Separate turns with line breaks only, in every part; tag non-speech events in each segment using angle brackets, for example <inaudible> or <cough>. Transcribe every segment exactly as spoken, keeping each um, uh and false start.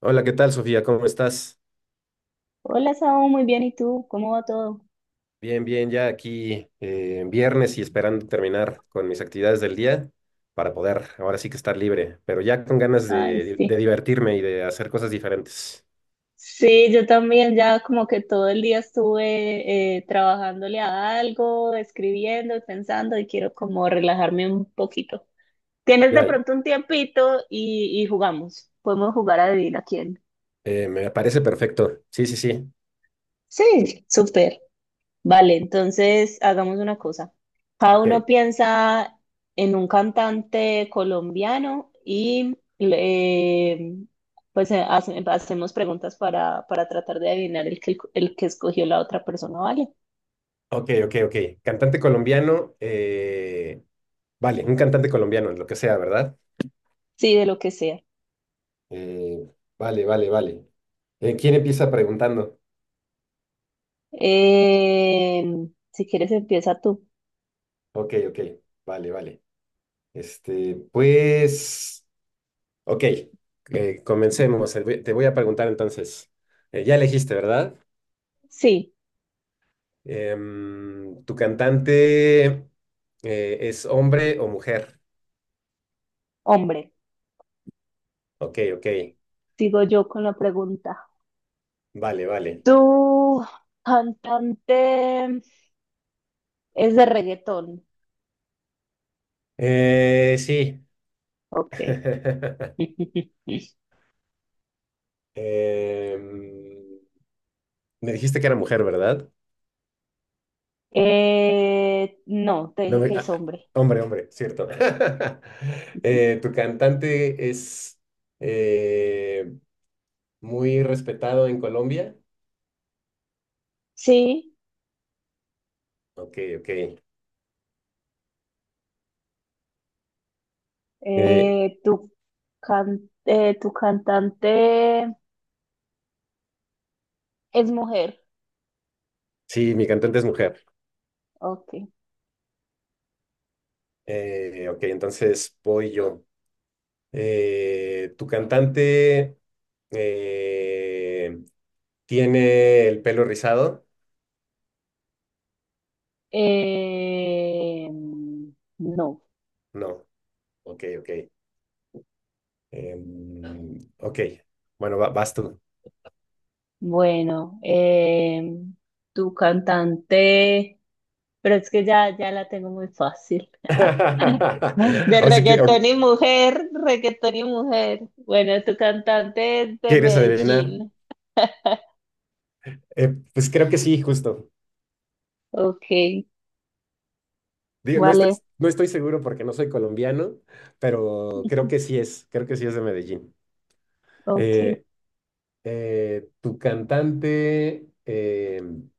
Hola, ¿qué tal, Sofía? ¿Cómo estás?
Hola, Saúl, muy bien. ¿Y tú? ¿Cómo va todo?
Bien, bien, ya aquí eh, en viernes y esperando terminar con mis actividades del día para poder ahora sí que estar libre, pero ya con ganas
Ay,
de, de
sí.
divertirme y de hacer cosas diferentes.
Sí, yo también ya como que todo el día estuve eh, trabajándole a algo, escribiendo y pensando y quiero como relajarme un poquito. ¿Tienes de
Ya,
pronto un tiempito y, y jugamos? Podemos jugar a adivina quién.
eh, me parece perfecto. Sí, sí, sí.
Sí, súper. Vale, entonces hagamos una cosa. Cada uno
Ok,
piensa en un cantante colombiano y eh, pues eh, hace- hacemos preguntas para, para tratar de adivinar el que, el que escogió la otra persona, ¿vale?
ok, ok, ok. Cantante colombiano, eh, vale, un cantante colombiano, lo que sea, ¿verdad?
Sí, de lo que sea.
Eh, vale, vale, vale. Eh, ¿quién empieza preguntando?
Eh, si quieres, empieza tú.
Ok, ok, vale, vale. Este, pues. Ok, eh, comencemos. Eh, voy- Te voy a preguntar entonces, eh, ya elegiste, ¿verdad?
Sí,
Em, ¿tu cantante eh, es hombre o mujer?
hombre,
Ok, ok,
sigo yo con la pregunta.
vale, vale.
¿Tu cantante es de reggaetón?
Eh, sí.
Ok.
<laughs>
<laughs>
Em, Me dijiste que era mujer, ¿verdad?
Eh, no, te
No
dije
me-
que
Ah,
es hombre.
hombre, hombre, cierto. <laughs> Eh, ¿tu cantante es eh, muy respetado en Colombia?
Sí,
Ok, ok. Eh,
eh, tu, can- eh, tu cantante es mujer.
Sí, mi cantante es mujer.
Ok.
Eh, ok, entonces voy yo. Eh, ¿tu cantante eh, tiene el pelo rizado?
Eh, no,
No. Ok, ok. Em, ok, bueno, va- vas tú.
bueno, eh, tu cantante, pero es que ya, ya la tengo muy fácil.
<laughs>
<laughs> De
O sea que, o-
reggaetón y mujer, reggaetón y mujer. Bueno, tu cantante es de
¿quieres adivinar?
Medellín.
Eh, pues creo que sí, justo.
Ok,
Digo, no estoy,
vale.
no estoy seguro porque no soy colombiano, pero creo que sí es, creo que sí es de Medellín.
Ok,
Eh, eh, Tu cantante. em,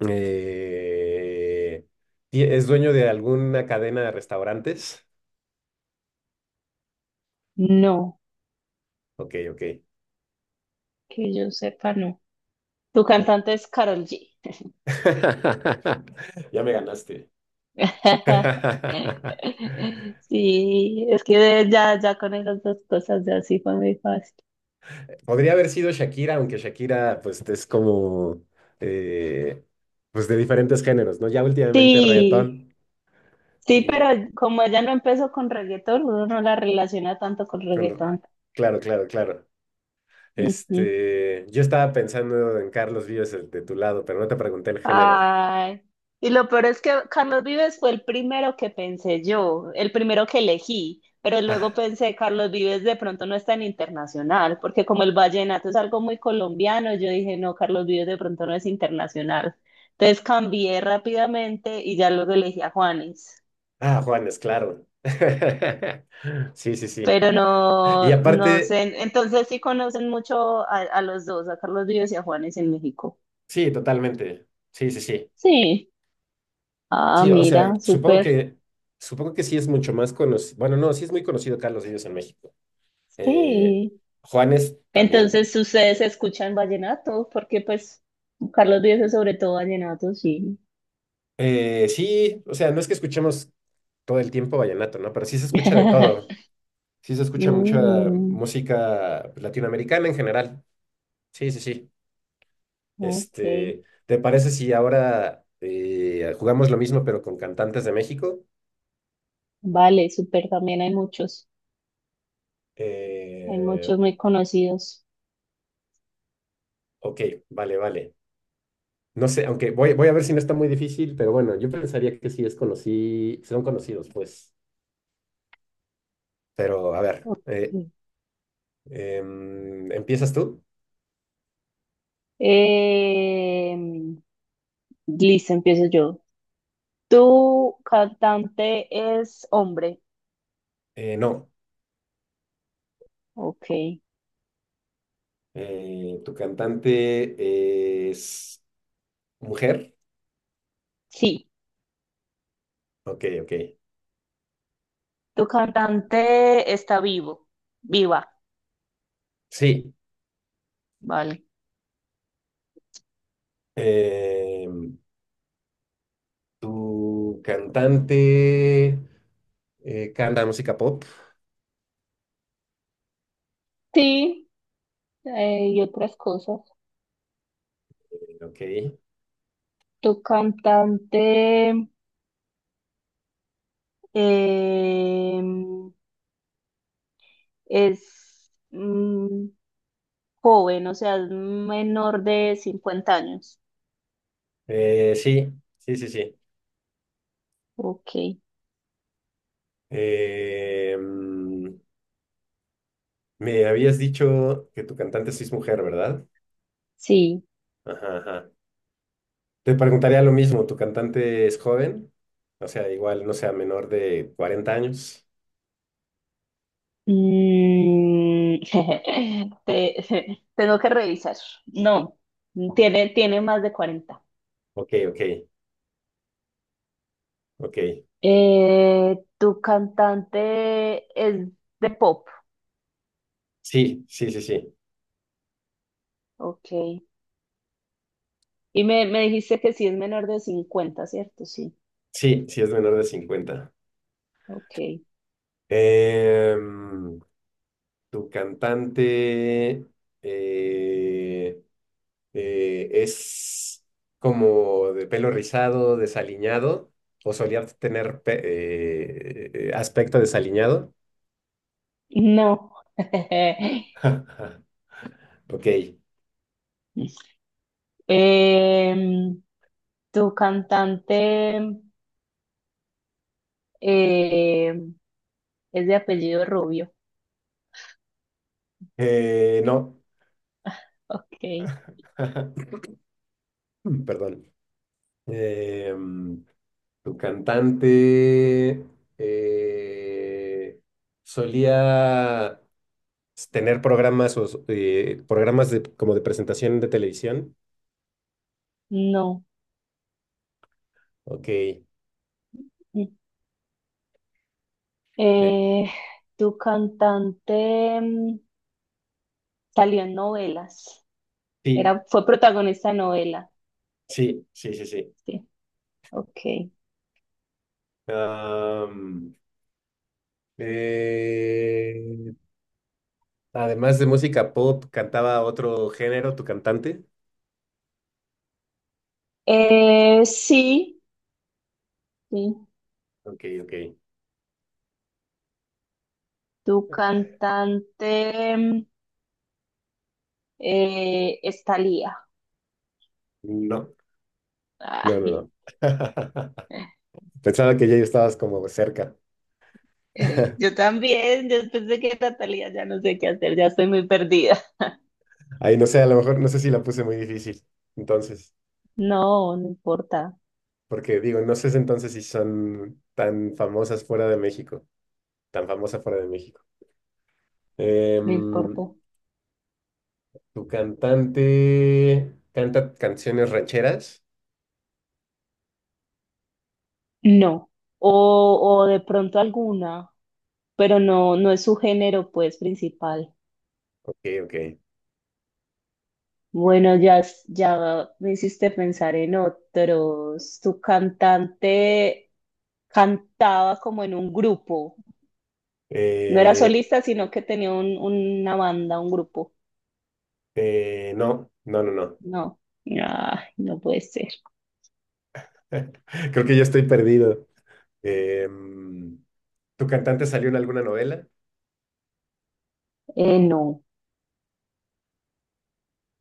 Eh, ¿ti- ¿Es dueño de alguna cadena de restaurantes?
no,
Ok, ok.
que yo sepa, no. Tu
O-
cantante es Karol G.
<laughs> Ya me ganaste.
<laughs>
<laughs>
Sí, es que ya, ya con esas dos cosas ya sí fue muy fácil.
Podría haber sido Shakira, aunque Shakira, pues, es como, eh, pues, de diferentes géneros, ¿no? Ya últimamente
Sí,
reggaetón
sí, pero
y,
como ella no empezó con reggaetón, uno no la relaciona tanto con
con-
reggaetón.
claro, claro, claro.
Ujú.
Este, yo estaba pensando en Carlos Vives, el de tu lado, pero no te pregunté el género.
Ay, y lo peor es que Carlos Vives fue el primero que pensé yo, el primero que elegí, pero luego pensé, Carlos Vives de pronto no es tan internacional, porque como el vallenato es algo muy colombiano, yo dije, no, Carlos Vives de pronto no es internacional. Entonces cambié rápidamente y ya luego elegí a Juanes,
Ah, Juanes, claro. <laughs> Sí, sí, sí.
pero
Y
no, no
aparte,
sé, entonces sí conocen mucho a, a los dos, a Carlos Vives y a Juanes en México.
sí, totalmente. Sí, sí, sí.
Sí, ah,
Sí, o sea,
mira,
supongo
súper,
que, supongo que sí es mucho más conocido. Bueno, no, sí es muy conocido Carlos Vives en México. Eh,
sí.
Juanes también.
Entonces, ¿ustedes escuchan vallenato? Porque pues Carlos Vives es sobre todo vallenato, sí.
Eh, sí, o sea, no es que escuchemos todo el tiempo vallenato, ¿no? Pero sí se escucha de todo.
<laughs>
Sí se escucha mucha
Mm,
música latinoamericana en general. Sí, sí, sí.
ok,
Este, ¿te parece si ahora eh, jugamos lo mismo pero con cantantes de México?
vale, súper, también hay muchos, hay
Eh,
muchos muy conocidos.
ok, vale, vale. No sé, aunque voy, voy a ver si no está muy difícil, pero bueno, yo pensaría que sí es conocí, son conocidos, pues. Pero a ver,
Ok.
eh, em, ¿empiezas tú?
Em, Listo, empiezo yo. ¿Tu cantante es hombre?
Eh, no.
Ok,
Eh, ¿tu cantante es mujer?
sí,
Ok, ok.
tu cantante está vivo, viva,
Sí.
vale.
Em, ¿Tu cantante eh, canta música pop?
Sí, eh, y otras cosas.
Ok.
Tu cantante eh, es mm, joven, o sea, es menor de cincuenta años.
Eh, sí, sí, sí, sí.
Ok,
Eh, mm, Me habías dicho que tu cantante sí es mujer, ¿verdad?
sí.
Ajá, ajá. Te preguntaría lo mismo, ¿tu cantante es joven? O sea, igual, no sea menor de cuarenta años.
Mm, <laughs> Te- <laughs> tengo que revisar. No, tiene, tiene más de cuarenta.
Ok, ok, ok.
Eh, tu cantante es de pop.
Sí, sí, sí, sí.
Ok. Y me, me dijiste que sí es menor de cincuenta, ¿cierto? Sí.
Sí, sí es menor de cincuenta.
Ok.
Em, Tu cantante. eh, eh, es como de pelo rizado, desaliñado, o solía tener pe- eh, eh, aspecto desaliñado.
No. <laughs>
<laughs> Ok.
Eh, Tu cantante eh, es de apellido Rubio.
Eh, no,
Ok,
<laughs> perdón. Em, Tu cantante eh, solía tener programas o s- eh, programas de, como de presentación de televisión.
no.
Ok. Eh,
Eh, tu cantante mm, salió en novelas.
sí,
Era, fue protagonista de novela.
sí, sí, sí, sí.
Sí, ok.
Eh, Además de música pop, ¿cantaba otro género tu cantante?
Eh, sí, sí.
Ok, ok.
Tu cantante mm, eh, es Thalía.
No, no, no,
<laughs>
no. <laughs>
Ay.
Pensaba que ya estabas como cerca.
<laughs>
<laughs>
Yo también, después de que Natalia ya no sé qué hacer, ya estoy muy perdida.
Ahí no sé, a lo mejor no sé si la puse muy difícil. Entonces,
No, no importa,
porque digo, no sé si entonces si son tan famosas fuera de México, tan famosa fuera de México.
no importa.
Em, Tu cantante canta canciones rancheras.
No. O, o de pronto alguna, pero no, no es su género, pues, principal.
Ok, ok.
Bueno, ya, s- ya me hiciste pensar en otros. Tu cantante cantaba como en un grupo. No era
Eh,
solista, sino que tenía un, una banda, un grupo.
eh, no, no, no, no.
No. Ay, no puede ser.
<laughs> Creo que ya estoy perdido. Em, ¿Tu cantante salió en alguna novela?
Eh, no.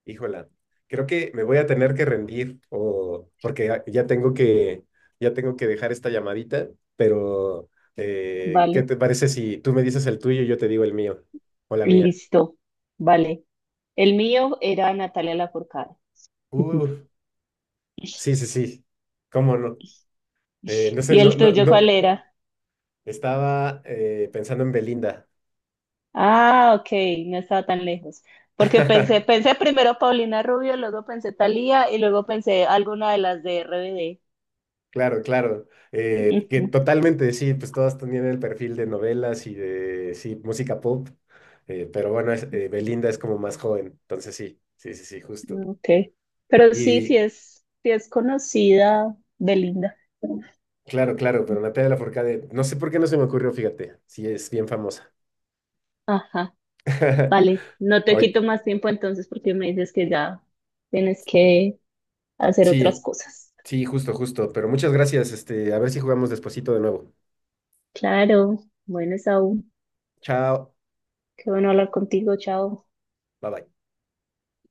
Híjola, creo que me voy a tener que rendir o porque ya ya tengo que ya tengo que dejar esta llamadita, pero eh, ¿qué
Vale.
te parece si tú me dices el tuyo y yo te digo el mío o la mía?
Listo, vale. El mío era Natalia Lafourcade. <laughs>
Uh, sí, sí, sí. ¿Cómo no? Eh, no sé,
¿Y
no,
el
no,
tuyo
no.
cuál era?
Estaba eh, pensando en Belinda.
Ah, ok, no estaba tan lejos. Porque pensé,
<laughs>
pensé primero Paulina Rubio, luego pensé Thalía y luego pensé alguna de las de R B D.
Claro, claro. Eh, que
Ujú,
totalmente, sí, pues todas tenían el perfil de novelas y de, sí, música pop, eh, pero bueno, es- eh, Belinda es como más joven, entonces sí, sí, sí, sí, justo.
ok. Pero sí,
Y
sí es, sí es conocida Belinda.
claro, claro, pero Natalia Lafourcade, no sé por qué no se me ocurrió, fíjate, sí, es bien famosa.
Ajá,
<laughs>
vale. No te
Hoy,
quito más tiempo entonces porque me dices que ya tienes que hacer otras
sí,
cosas.
sí, justo, justo, pero muchas gracias, este, a ver si jugamos despuesito de nuevo.
Claro, bueno, Saúl.
Chao,
Qué bueno hablar contigo, chao.
bye bye.